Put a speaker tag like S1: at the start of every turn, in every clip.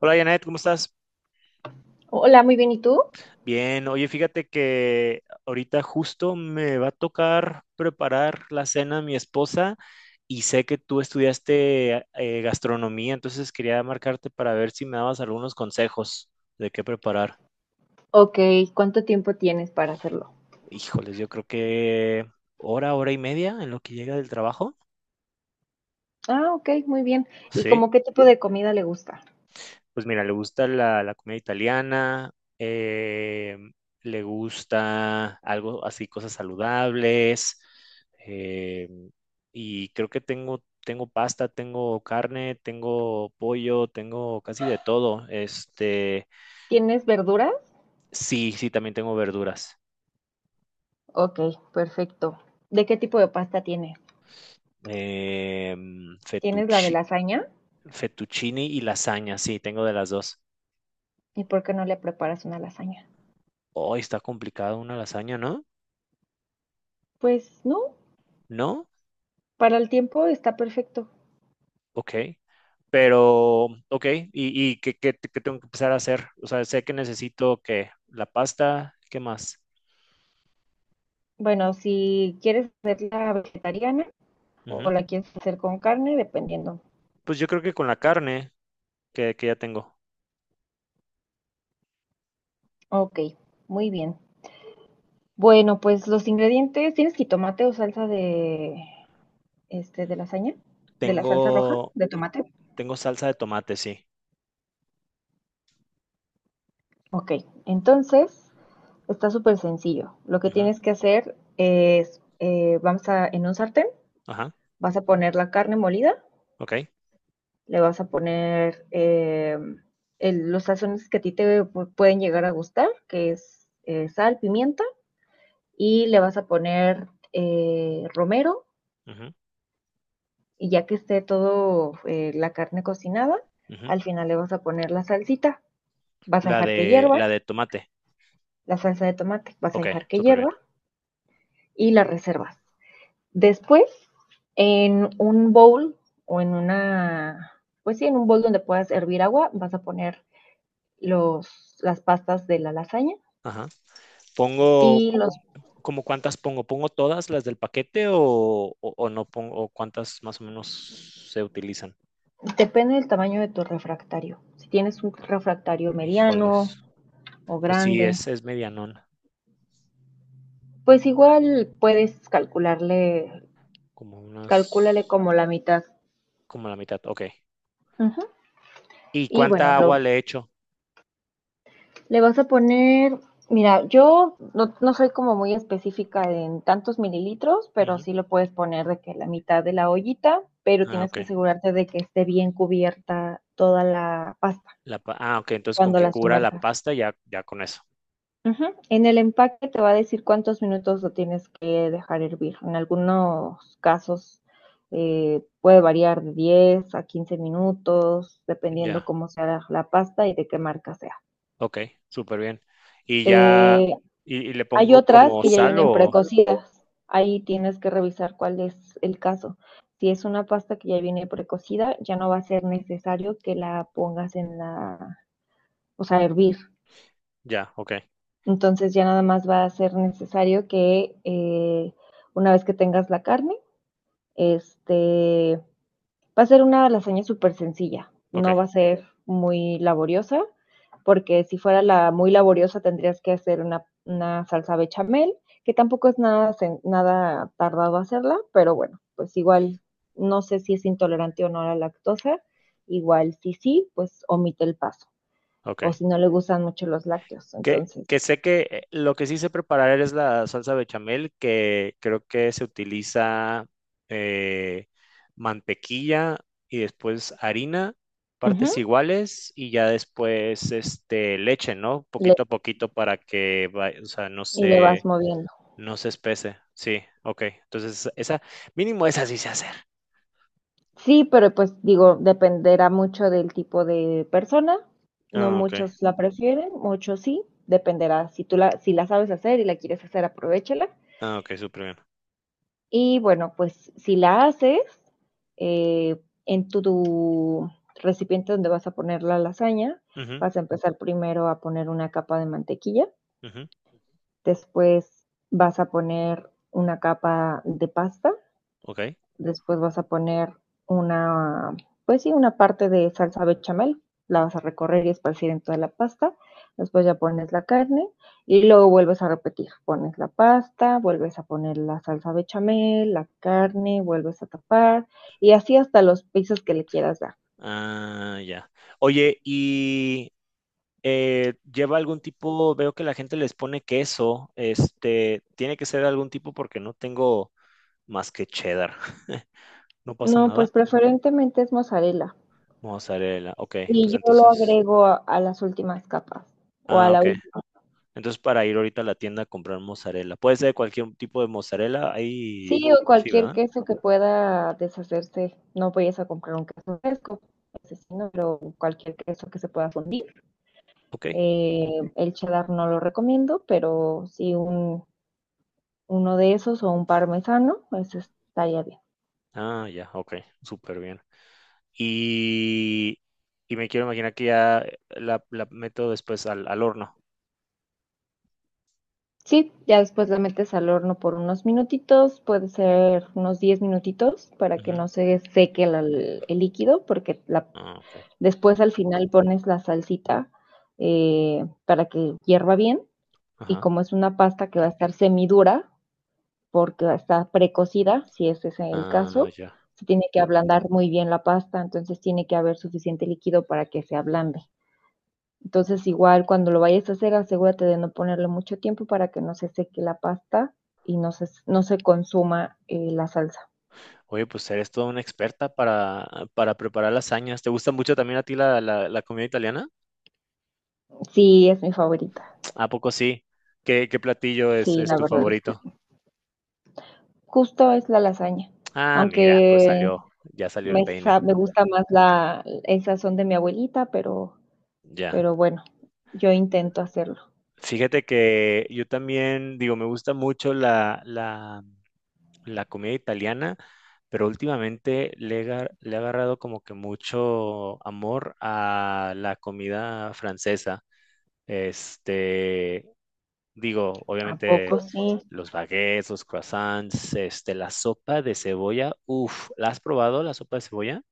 S1: Hola Janet, ¿cómo estás?
S2: Hola, muy bien, ¿y tú?
S1: Bien, oye, fíjate que ahorita justo me va a tocar preparar la cena a mi esposa y sé que tú estudiaste gastronomía, entonces quería marcarte para ver si me dabas algunos consejos de qué preparar.
S2: Ok, ¿cuánto tiempo tienes para hacerlo?
S1: Híjoles, yo creo que hora y media en lo que llega del trabajo.
S2: Ah, ok, muy bien. ¿Y
S1: Sí.
S2: como qué tipo de comida le gusta?
S1: Pues mira, le gusta la comida italiana, eh, le gusta algo así, cosas saludables, eh, y creo que tengo pasta, tengo carne, tengo pollo, tengo casi de todo. Este,
S2: ¿Tienes verduras?
S1: sí, sí, también tengo verduras.
S2: Ok, perfecto. ¿De qué tipo de pasta tiene?
S1: Eh,
S2: ¿Tienes la de
S1: fettucci-
S2: lasaña?
S1: fettuccini y lasaña, sí, tengo de las dos.
S2: ¿Y por qué no le preparas una lasaña?
S1: Hoy está complicado una lasaña, ¿no?
S2: Pues no,
S1: ¿No?
S2: para el tiempo está perfecto.
S1: Ok, pero, ok, ¿y qué tengo que empezar a hacer? O sea, sé que necesito que la pasta, ¿qué más?
S2: Bueno, si quieres hacerla vegetariana o
S1: Ujú.
S2: la quieres hacer con carne, dependiendo.
S1: Pues yo creo que con la carne que ya tengo.
S2: Ok, muy bien. Bueno, pues los ingredientes, ¿tienes jitomate o salsa de este, de lasaña, de la salsa roja,
S1: Tengo,
S2: de tomate?
S1: tengo salsa de tomate, sí.
S2: Ok, entonces está súper sencillo. Lo que
S1: Ujú,
S2: tienes que hacer es, vamos a, en un sartén,
S1: ajá,
S2: vas a poner la carne molida,
S1: ok.
S2: le vas a poner los sazones que a ti te pueden llegar a gustar, que es sal, pimienta, y le vas a poner romero,
S1: Ujú,
S2: y ya que esté todo la carne cocinada,
S1: ujú.
S2: al final le vas a poner la salsita, vas a dejar que hierva
S1: La de tomate.
S2: la salsa de tomate, vas a
S1: Ok,
S2: dejar que
S1: súper bien.
S2: hierva y la reservas. Después, en un bowl o en una, pues sí, en un bowl donde puedas hervir agua, vas a poner las pastas de la lasaña
S1: Ajá. Pongo,
S2: y los,
S1: ¿cómo cuántas pongo? ¿Pongo todas las del paquete o no pongo, o cuántas más o menos se utilizan?
S2: depende del tamaño de tu refractario. Si tienes un refractario mediano
S1: Híjoles.
S2: o
S1: Pues sí,
S2: grande,
S1: es medianón.
S2: pues igual puedes calcularle,
S1: Como unas,
S2: calcúlale como la mitad.
S1: como la mitad, ok.
S2: Uh -huh.
S1: ¿Y
S2: Y bueno,
S1: cuánta agua
S2: lo,
S1: le echo?
S2: le vas a poner, mira, yo no, no soy como muy específica en tantos mililitros, pero
S1: Ujú.
S2: sí lo puedes poner de que la mitad de la ollita, pero
S1: Ah,
S2: tienes que
S1: ok.
S2: asegurarte de que esté bien cubierta toda la pasta
S1: Ah, ok, entonces con
S2: cuando
S1: que
S2: la
S1: cubra la
S2: sumerjas.
S1: pasta ya, ya con eso.
S2: Ujú. En el empaque te va a decir cuántos minutos lo tienes que dejar hervir. En algunos casos puede variar de 10 a 15 minutos,
S1: Ya,
S2: dependiendo cómo sea la pasta y de qué marca sea.
S1: ok, súper bien. Y ya,
S2: Eh,
S1: y le
S2: Hay
S1: pongo
S2: otras
S1: como
S2: que ya
S1: sal
S2: vienen
S1: o
S2: precocidas. Ahí tienes que revisar cuál es el caso. Si es una pasta que ya viene precocida, ya no va a ser necesario que la pongas en la, o sea, hervir.
S1: ya, ok,
S2: Entonces ya nada más va a ser necesario que una vez que tengas la carne, este, va a ser una lasaña súper sencilla,
S1: ok,
S2: no va a ser muy laboriosa, porque si fuera la muy laboriosa tendrías que hacer una salsa bechamel, que tampoco es nada, nada tardado hacerla, pero bueno, pues igual no sé si es intolerante o no a la lactosa, igual si sí, pues omite el paso, o
S1: ok.
S2: si no le gustan mucho los lácteos, entonces
S1: Que sé que lo que sí sé preparar es la salsa bechamel, que creo que se utiliza eh, mantequilla y después harina, partes
S2: ujú,
S1: iguales y ya después este, leche, ¿no?
S2: le-
S1: Poquito a poquito para que o sea,
S2: y le vas moviendo.
S1: no se espese. Sí, ok. Entonces, esa, mínimo esa sí sé hacer.
S2: Sí, pero pues digo, dependerá mucho del tipo de persona. No
S1: Ah, ok.
S2: muchos la prefieren, muchos sí. Dependerá. Si tú la, si la sabes hacer y la quieres hacer, aprovechala.
S1: Ah, ok, súper bien.
S2: Y bueno, pues si la haces eh, en tu, tu recipiente donde vas a poner la lasaña,
S1: Ujú,
S2: vas a empezar primero a poner una capa de mantequilla,
S1: ujú,
S2: después vas a poner una capa de pasta.
S1: ok.
S2: Después vas a poner una, pues sí, una parte de salsa bechamel. La vas a recorrer y esparcir en toda la pasta. Después ya pones la carne y luego vuelves a repetir. Pones la pasta, vuelves a poner la salsa bechamel, la carne, vuelves a tapar y así hasta los pisos que le quieras dar.
S1: Ah, ya. Oye, y lleva algún tipo, veo que la gente les pone queso, este, tiene que ser algún tipo porque no tengo más que cheddar. No pasa
S2: No,
S1: nada.
S2: pues preferentemente es mozzarella
S1: Mozzarella, ok,
S2: y
S1: pues
S2: yo lo
S1: entonces,
S2: agrego a las últimas capas o a
S1: ah,
S2: la
S1: ok.
S2: última.
S1: Entonces para ir ahorita a la tienda a comprar mozzarella. Puede ser cualquier tipo de mozzarella, ahí
S2: Sí, o
S1: sí,
S2: cualquier
S1: ¿verdad?
S2: queso que pueda deshacerse. No vayas a comprar un queso fresco, ese sí, no, pero cualquier queso que se pueda fundir.
S1: Ok.
S2: Eh, el cheddar no lo recomiendo, pero sí un, uno de esos o un parmesano, ese estaría bien.
S1: Ah, ya, ok, súper bien. Y, y me quiero imaginar que ya la meto después al horno.
S2: Sí, ya después la metes al horno por unos minutitos, puede ser unos 10 minutitos para que
S1: Ujú.
S2: no se seque el líquido, porque
S1: Ah, ok.
S2: después al final pones la salsita para que hierva bien y
S1: Ajá.
S2: como es una pasta que va a estar semidura, porque va a estar precocida, si ese es el
S1: Ah,
S2: caso,
S1: ya.
S2: se tiene que ablandar muy bien la pasta, entonces tiene que haber suficiente líquido para que se ablande. Entonces igual cuando lo vayas a hacer, asegúrate de no ponerle mucho tiempo para que no se seque la pasta y no se, no se consuma la salsa.
S1: Oye, pues eres toda una experta para preparar lasañas. ¿Te gusta mucho también a ti la comida italiana?
S2: Sí, es mi favorita.
S1: ¿A poco sí? ¿Qué platillo
S2: Sí,
S1: es
S2: la
S1: tu
S2: verdad es que
S1: favorito?
S2: justo es la lasaña,
S1: Ah, mira, pues
S2: aunque
S1: salió, ya salió el
S2: me,
S1: peine.
S2: me gusta más la, esas son de mi abuelita, pero
S1: Ya.
S2: Pero bueno, yo intento hacerlo.
S1: Fíjate que yo también, digo, me gusta mucho la comida italiana, pero últimamente le he agarrado como que mucho amor a la comida francesa. Este, digo,
S2: ¿A
S1: obviamente
S2: poco sí, sí?
S1: los baguettes, los croissants, este, la sopa de cebolla. Uf, ¿la has probado la sopa de cebolla?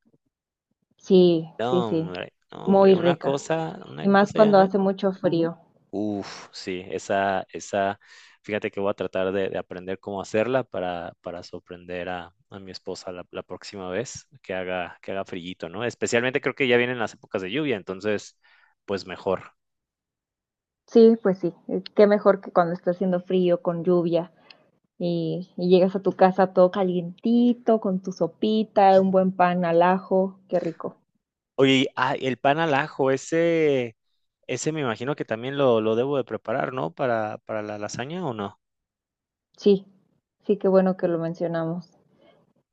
S2: Sí, sí,
S1: No,
S2: sí.
S1: hombre, no, hombre,
S2: Muy rica. Y
S1: una
S2: más
S1: cosa,
S2: cuando
S1: Janet.
S2: hace mucho frío.
S1: Uf, sí, esa, fíjate que voy a tratar de aprender cómo hacerla para sorprender a mi esposa la próxima vez que haga frillito, ¿no? Especialmente creo que ya vienen las épocas de lluvia, entonces, pues mejor.
S2: Sí, pues sí. Qué mejor que cuando está haciendo frío, con lluvia, y llegas a tu casa todo calientito, con tu sopita, un buen pan al ajo. Qué rico.
S1: Oye, y, ah, el pan al ajo, ese... Ese me imagino que también lo debo de preparar, ¿no? Para la lasaña o no.
S2: Sí, sí, qué bueno que lo mencionamos.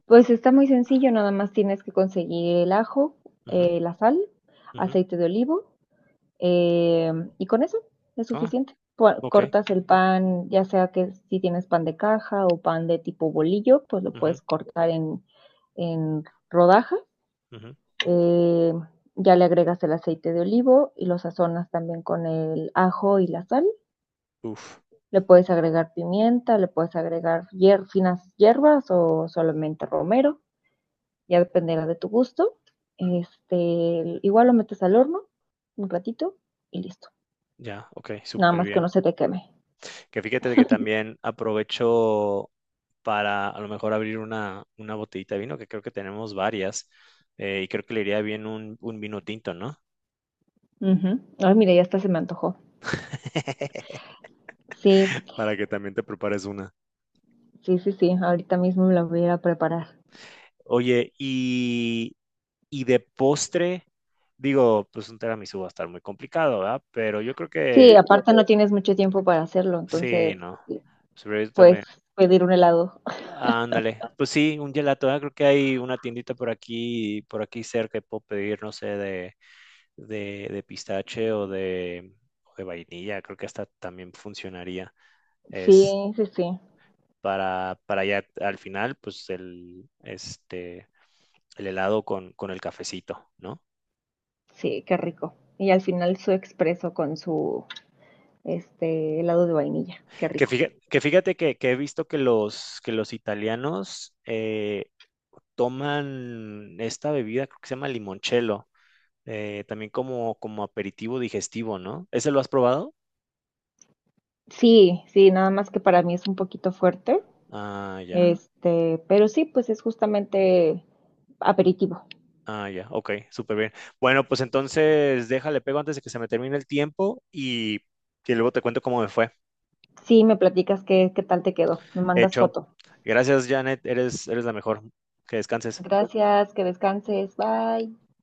S2: Pues está muy sencillo, nada más tienes que conseguir el ajo,
S1: Ujú,
S2: la sal,
S1: ujú.
S2: aceite de olivo. Eh, y con eso es
S1: Ah,
S2: suficiente.
S1: ok.
S2: Cortas el pan, ya sea que si tienes pan de caja o pan de tipo bolillo, pues lo
S1: Ujú,
S2: puedes cortar en rodajas.
S1: ujú.
S2: Eh, ya le agregas el aceite de olivo y lo sazonas también con el ajo y la sal.
S1: Uf,
S2: Le puedes agregar pimienta, le puedes agregar finas hierbas o solamente romero, ya dependerá de tu gusto. Este, igual lo metes al horno un ratito y listo.
S1: ya, ok,
S2: Nada
S1: súper
S2: más que
S1: bien.
S2: no se te queme.
S1: Que fíjate que también aprovecho para a lo mejor abrir una botellita de vino, que creo que tenemos varias, y creo que le iría bien un vino tinto, ¿no?
S2: Ujú. Ay, mira, ya hasta se me antojó. Sí,
S1: Para que también te prepares una.
S2: sí, sí, sí, ahorita mismo me la voy a ir a preparar.
S1: Oye, y de postre, digo, pues un tiramisú va a estar muy complicado, ¿verdad? Pero yo creo
S2: Sí, sí,
S1: que
S2: aparte no tienes mucho tiempo para hacerlo,
S1: sí,
S2: entonces
S1: no.
S2: sí,
S1: Sobre
S2: puedes
S1: también.
S2: pedir un helado.
S1: Ándale. Pues sí, un gelato. Ah, creo que hay una tiendita por aquí cerca que puedo pedir, no sé, de pistache o de vainilla. Creo que hasta también funcionaría. Es
S2: Sí, sí, sí,
S1: para ya al final, pues el, este, el helado con el cafecito, ¿no?
S2: sí, qué rico. Y al final su expreso con su este helado de vainilla, qué rico.
S1: Fíjate que he visto que que los italianos toman esta bebida, creo que se llama limoncello, también como, como aperitivo digestivo, ¿no? ¿Ese lo has probado?
S2: Sí, sí, nada más que para mí es un poquito fuerte,
S1: Ah, ya.
S2: este, pero sí, pues es justamente aperitivo.
S1: Ah, ya. Ok, súper bien. Bueno, pues entonces déjale pego antes de que se me termine el tiempo y luego te cuento cómo me fue.
S2: Sí, me platicas qué, qué tal te quedó, me mandas
S1: Hecho.
S2: foto.
S1: Gracias, Janet. Eres, eres la mejor. Que descanses.
S2: Gracias, que descanses. Bye.